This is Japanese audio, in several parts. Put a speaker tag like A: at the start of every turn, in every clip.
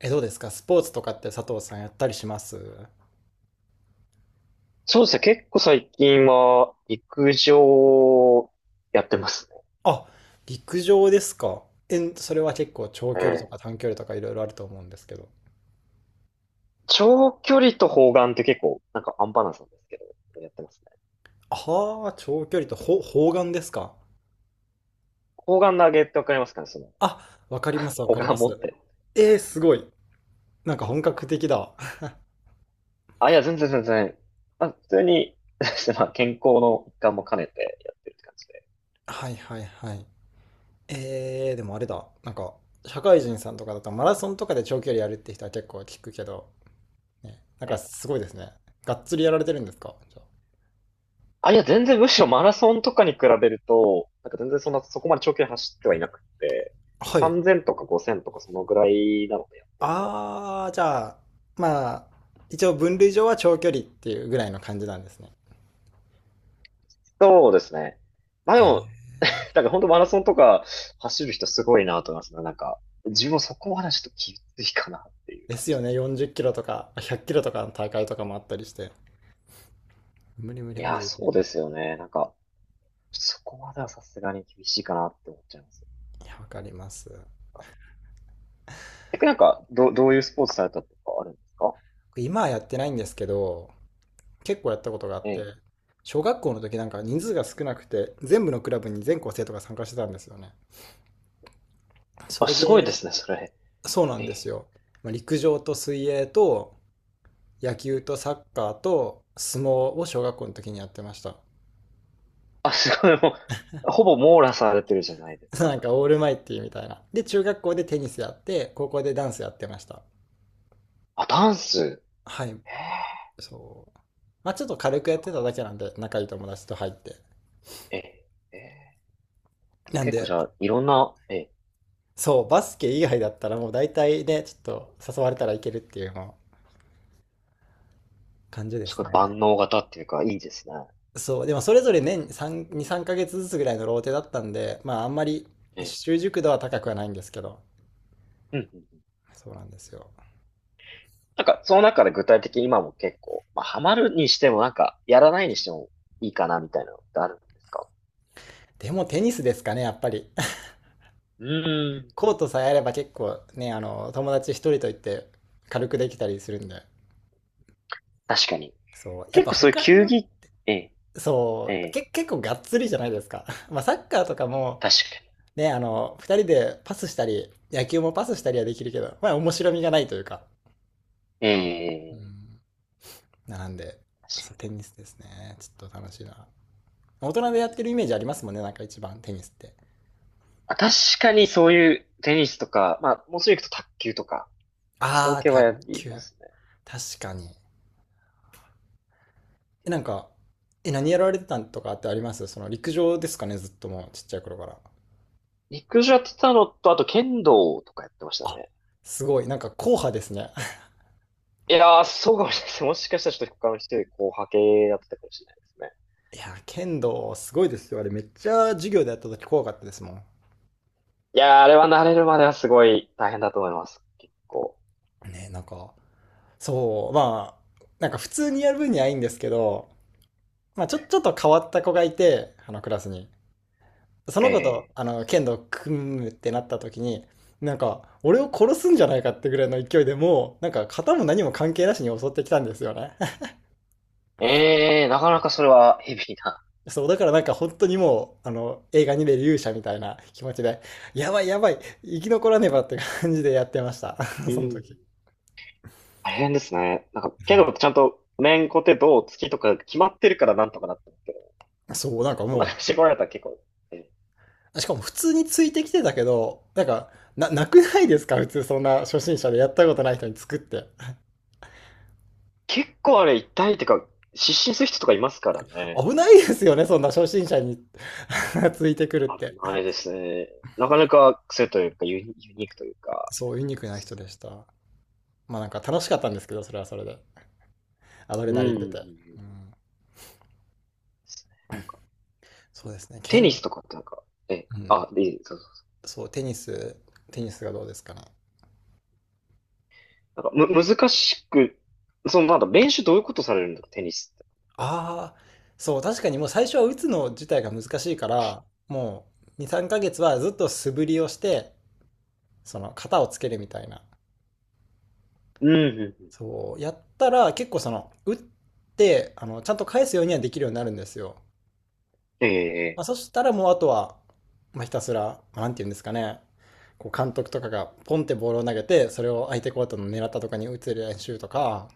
A: どうですかスポーツとかって佐藤さんやったりします？
B: そうですね。結構最近は陸上やってますね。
A: あ、陸上ですか。それは結構長
B: え
A: 距離と
B: え。
A: か短距離とかいろいろあると思うんですけど。
B: 長距離と砲丸って結構なんかアンバランスなんですけど、やってますね。
A: ああ、長距離と砲丸ですか。
B: 砲丸投げってわかりますかね
A: あ、わかりますわ
B: 砲
A: かり
B: 丸
A: ま
B: 持
A: す。
B: って
A: えー、
B: 投げ
A: す
B: る。
A: ごい。なんか本格的だ。
B: あ、いや、全然全然。あ、普通に、まあ、健康の一環も兼ねてやってるって感じで。
A: はいはいはい。でもあれだ。なんか、社会人さんとかだとマラソンとかで長距離やるって人は結構聞くけど、ね、なん
B: え
A: か
B: え。
A: すごいですね。がっつりやられてるんですか、じゃ
B: あ、いや、全然むしろマラソンとかに比べると、なんか全然そんな、そこまで長距離走ってはいなくて、
A: あ？はい。
B: 3000とか5000とかそのぐらいなのでやってる。
A: ああ、じゃあ、まあ、一応分類上は長距離っていうぐらいの感じなんですね。
B: そうですね。まあで
A: は
B: も、
A: い。
B: なんか本当マラソンとか走る人すごいなと思いますね。なんか、自分もそこまでちょっと厳しいかなっていう
A: で
B: 感
A: すよ
B: じで。
A: ね、40キロとか100キロとかの大会とかもあったりして。無理無理
B: い
A: 無
B: や
A: 理、
B: ー、
A: できな
B: そ
A: い。
B: うですよね。なんか、そこまではさすがに厳しいかなって思っちゃいます。
A: いや、わかります。
B: 逆になんか、どういうスポーツされたとかあるんですか？
A: 今はやってないんですけど、結構やったことがあ
B: え
A: って、
B: え。
A: 小学校の時なんか人数が
B: え
A: 少
B: え。
A: なくて、全部のクラブに全校生徒が参加してたんですよね。そ
B: あ、
A: れ
B: すごいで
A: で、
B: すね、それ。
A: そうな
B: え
A: んです
B: え。
A: よ。まあ、陸上と水泳と野
B: え
A: 球
B: え。
A: とサッカーと相撲を小学校の時にやってました。
B: あ、すごい、もう、ほぼ網羅されてるじゃないです
A: な
B: か。
A: んかオールマイティみたいな。で、中学校でテニスやって、高校でダンスやってました。
B: あ、ダンス。
A: はい、そう。まあちょっと軽くやってただけなんで、仲いい友達と入って。
B: ええ。ええ。
A: なん
B: 結構
A: で、
B: じゃあ、いろんな、ええ、
A: そう、バスケ以外だったらもう大体ね、ちょっと誘われたらいけるっていうもう感じで
B: す
A: す
B: ごい
A: ね。
B: 万能型っていうか、いいですね。
A: そう、でもそれぞれ年3、2、3ヶ月ずつぐらいのローテだったんで、まああんまり
B: ええ。
A: 習熟度は高くはないんですけど、
B: うんうん。
A: そうなんですよ。
B: なんか、その中で具体的に今も結構、まあ、ハマるにしてもなんか、やらないにしてもいいかなみたいなのってあるんですか？
A: でもテニスですかね、やっぱり。
B: うー
A: コー
B: ん。
A: トさえあれば結構ね、友達一人と言って軽くできたりするんで。
B: 確かに。
A: そう。やっ
B: 結
A: ぱ
B: 構そういう
A: 他
B: 球
A: の、
B: 技、ええ、え
A: そう、
B: え、
A: 結構がっつりじゃないですか。まあサッカーとかも、
B: 確か
A: ね、二人でパスしたり、野球もパスしたりはできるけど、まあ面白みがないというか。
B: に。
A: う
B: ええ、
A: ん。なんで、
B: 確か
A: そう、テニスですね。ちょっと楽しいな。大人
B: に。い
A: で
B: い
A: やっ
B: で
A: て
B: す。
A: るイメージありますもんね、なんか一番テニスって。
B: あ、確かにそういうテニスとか、まあ、もうすぐ行くと卓球とか、そうい
A: あ
B: う
A: あ、
B: 系は
A: 卓
B: やりま
A: 球。
B: すね。
A: 確かに。なんか、何やられてたんとかってあります？その陸上ですかね、ずっともうちっちゃい頃から？
B: 陸上やってたのと、あと剣道とかやってました
A: あ、
B: ね。
A: すごい、なんか硬派ですね。
B: いやー、そうかもしれないです。もしかしたらちょっと他の人よりこう派系やってたかもしれないですね。
A: いや、剣道すごいですよ。あれめっちゃ授業でやった時怖かったですもん。
B: いやー、あれは慣れるまではすごい大変だと思います。結構。
A: ね、なんか、そう、まあ、なんか普通にやる分にはいいんですけど、まあちょっと変わった子がいて、あのクラスに。そ
B: え
A: の子と、
B: え。
A: 剣道組むってなった時に、なんか、俺を殺すんじゃないかってぐらいの勢いでもう、なんか、型も何も関係なしに襲ってきたんですよね。
B: ええ、なかなかそれはヘビーな。
A: そう、だからなんか本当にもう、映画に出る勇者みたいな気持ちで、やばいやばい、生き残らねばって感じでやってました。
B: う
A: その時。
B: ん。大変ですね。なんか、けど、ちゃんと、面コテ、銅、月とか決まってるからなんとかなってるけど、
A: そう、なんか
B: そんな感
A: も
B: じで来られたらえ
A: う、しかも普通についてきてたけど、なんか、なくないですか普通そんな初心者でやったことない人に作って。
B: 結構あれ痛いってか、失神する人とかいますからね。
A: 危ないですよね、そんな初心者に ついてくるって。
B: 危ないですね。なかなか癖というか、ユニークというか。
A: そう、ユニークな人でした。まあなんか楽しかったんですけど、それはそれで。アド
B: う
A: レナリ
B: ん。
A: ン
B: うんうん
A: 出て。
B: う
A: う
B: ん。
A: ん、そうですね、
B: テニスとかってなんか、え、
A: うん、
B: あ、いい、そそう
A: そう、テニスがどうですかね。
B: なんかむ、難しく、その、なんだ、練習どういうことされるんだ、テニスって。
A: ああ、そう、確かにもう最初は打つの自体が難しいから、もう2、3ヶ月はずっと素振りをして、その型をつけるみたいな。
B: うん、うん。
A: そう、やったら結構その、打って、ちゃんと返すようにはできるようになるんですよ。
B: え
A: まあ、
B: え、
A: そしたらもうあとは、まあ、ひたすら、なんて言うんですかね、こう監督とかがポンってボールを投げて、それを相手コートの狙ったとかに打つ練習とか、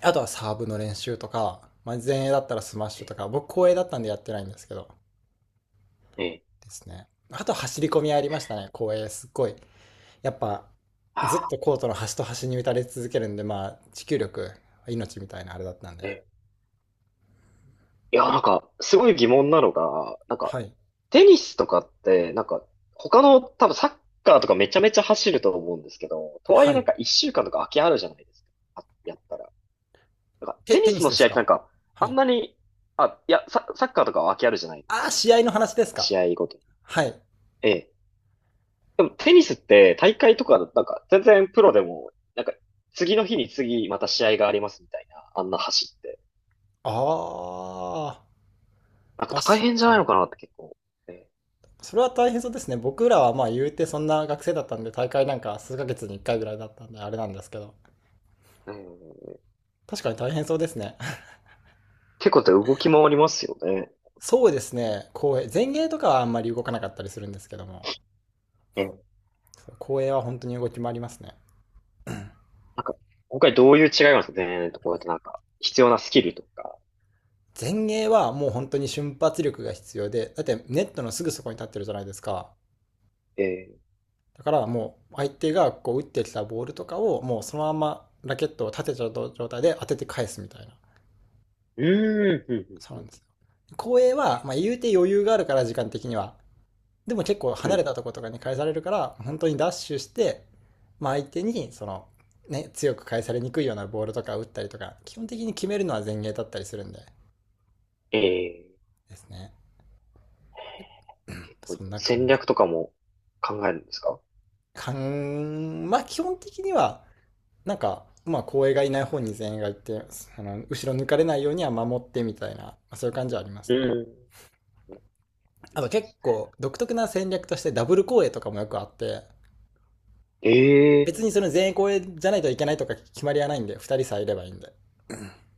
A: あとはサーブの練習とか、まあ、前衛だったらスマッシ
B: え
A: ュとか、
B: え、
A: 僕後衛だったんでやってないんですけど、
B: ええ。
A: ですね。あと走り込みありましたね、公園。すっごい。やっぱ、
B: は
A: ずっ
B: あ。
A: とコートの端と端に打たれ続けるんで、まあ、持久力、命みたいなあれだったんで。
B: ええ。いや、なんか、すごい疑問なのが、なんか、
A: はい。
B: テニスとかって、なんか、他の、多分サッカーとかめちゃめちゃ走ると思うんですけど、とはいえ
A: は
B: なん
A: い。
B: か一週間とか空きあるじゃないですか。あやったら。なんか、テニ
A: テニ
B: ス
A: ス
B: の
A: です
B: 試合って
A: か？
B: なんか、
A: は
B: あん
A: い。
B: なに、あ、いや、サッカーとかは空きあるじゃないです
A: あ
B: か、
A: あ、
B: なん
A: 試
B: か、
A: 合の話ですか？
B: 試合ごとに。
A: はい。
B: ええ。でもテニスって大会とかだと、なんか全然プロでも、なんか次の日に次また試合がありますみたいな、あんな走って。
A: ああ、
B: なんか
A: 確
B: 大変じゃ
A: か
B: ない
A: に。
B: のかなって結構。ね。
A: それは大変そうですね。僕らはまあ言うてそんな学生だったんで、大会なんか数ヶ月に1回ぐらいだったんで、あれなんですけど。
B: うん、
A: 確かに大変そうですね。
B: 結構動き回りますよね。
A: そうですね。公園。前衛とかはあんまり動かなかったりするんですけども。
B: うん。
A: 後衛は本当に動き回りますね。
B: なんか、今回どういう違いがあるんですかねとこうやってなんか、必要なスキルとか。
A: 前衛はもう本当に瞬発力が必要で、だってネットのすぐそこに立ってるじゃないですか。
B: え
A: だからもう相手がこう打ってきたボールとかをもうそのままラケットを立てちゃう状態で当てて返すみたいな。
B: うーん、うん、
A: そう
B: う
A: な
B: ん、
A: ん
B: う
A: ですよ。後衛は、まあ、言うて余裕があるから時間的には。でも結構
B: ん。う
A: 離れた
B: ん。
A: とことかに返されるから、本当にダッシュして、まあ、相手にその、ね、強く返されにくいようなボールとか打ったりとか、基本的に決めるのは前衛だったりするんで
B: えー、
A: ですね。
B: 結構
A: そんな
B: 戦
A: 感
B: 略とかも考えるんですか？
A: かん、まあ基本的には、なんか、まあ後衛がいない方に全員がいて、あの後ろ抜かれないようには守ってみたいな、まあそういう感じはあります
B: う
A: ね。
B: ん。
A: あと結構独特な戦略としてダブル後衛とかもよくあって、
B: え
A: 別にその全員後衛じゃないといけないとか決まりはないんで、2人さえいればいいんで。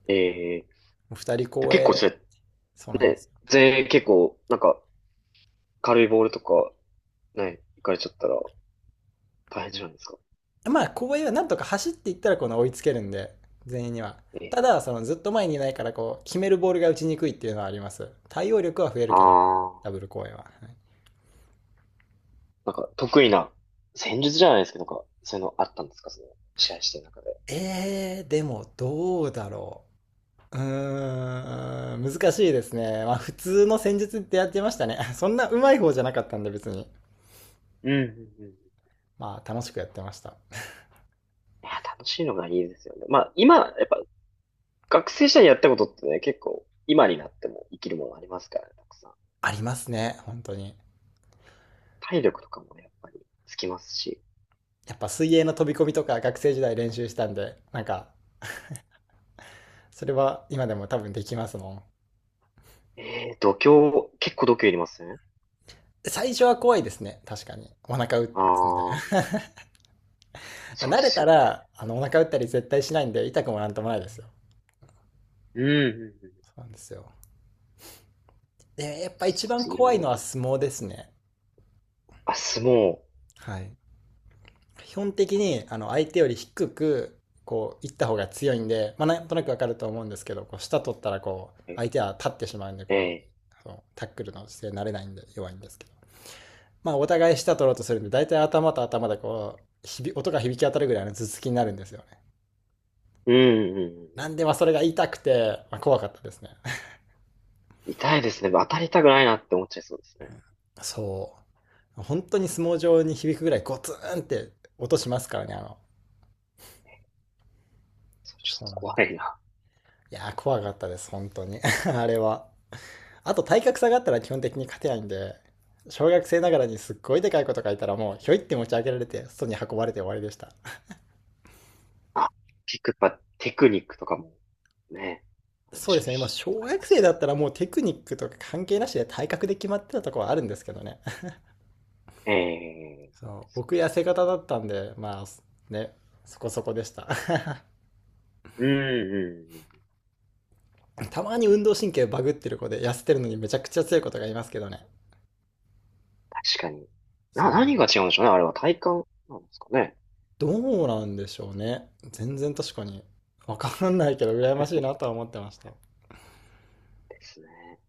B: ー、え
A: 2人後
B: 結構
A: 衛、
B: それ
A: そうなんで
B: ね、
A: す
B: 全員結構、なんか、軽いボールとか、ね、行かれちゃったら大変じゃないですか。
A: よ。まあ後衛はなんとか走っていったらこの追いつけるんで、全員には。
B: え
A: た
B: え。
A: だ、そのずっと前にいないからこう、決めるボールが打ちにくいっていうのはあります。対応力は増える
B: あ
A: けど、ダ
B: あ。
A: ブル後衛は。はい。
B: なんか、得意な戦術じゃないですけど、なんか、そういうのあったんですか？試合してる中で。
A: でもどうだろう。うーん、難しいですね。まあ普通の戦術ってやってましたね。そんな上手い方じゃなかったんで別に。
B: うんうんうん。い
A: まあ楽しくやってました。
B: や、楽しいのがいいですよね。まあ、今、やっぱ、学生時代にやったことってね、結構、今になっても生きるものありますからね、たくさん。
A: ありますね、本当に。
B: 体力とかもね、やっぱり、つきますし。
A: やっぱ水泳の飛び込みとか学生時代練習したんで、なんか、それは今でも多分できますもん。
B: ええ、度胸、結構度胸いりますね。
A: 最初は怖いですね、確かに。お腹打つんで。
B: ああ。 そう
A: 慣
B: で
A: れ
B: す
A: た
B: よね。
A: ら、お腹打ったり絶対しないんで、痛くもなんともないですよ。
B: うんうんうん。
A: そうなんですよ。で、やっぱ
B: す
A: 一
B: ご
A: 番
B: いいろ
A: 怖
B: い
A: いの
B: ろ、
A: は相撲ですね。
B: あ、相撲。
A: はい。基本的にあの相手より低くこう行った方が強いんで、まあ、なんとなくわかると思うんですけどこう下取ったらこう相手は立ってしまうんで
B: え
A: こ
B: え。
A: うそのタックルの姿勢になれないんで弱いんですけど、まあ、お互い下取ろうとするんで大体頭と頭でこうひび音が響き当たるぐらいの頭突きになるんですよね。
B: うんうんう
A: な
B: ん
A: んでまあそれが痛くて、まあ、怖かったですね。
B: うん。痛いですね。当たりたくないなって思っちゃいそうですね。
A: そう本当に相撲上に響くぐらいゴツンって音しますからね
B: それちょっ
A: そう
B: と
A: なんで
B: 怖い
A: す。
B: な。
A: いやー、怖かったです本当に あれは。あと体格差があったら基本的に勝てないんで、小学生ながらにすっごいでかいこと書いたらもうひょいって持ち上げられて外に運ばれて終わりでした。
B: あ、結構やっぱテクニックとかもね、あるで
A: そう
B: し
A: で
B: ょう
A: すね、まあ
B: し、
A: 小
B: 大変
A: 学
B: で
A: 生
B: す
A: だ
B: よ
A: ったらもうテクニックとか関係なしで体格で決まってたとこはあるんですけどね。
B: ね。え
A: そ
B: え。
A: う僕痩せ型だったんで、まあね、そこそこでした。
B: うんうんうん。
A: たまに運動神経バグってる子で痩せてるのにめちゃくちゃ強い子とかいますけどね。
B: 確かに。な、
A: そう。
B: 何が違うんでしょうね。あれは体感なんですかね。
A: どうなんでしょうね。全然確かに。わかんないけど、羨ましいなとは思ってました。
B: ですね。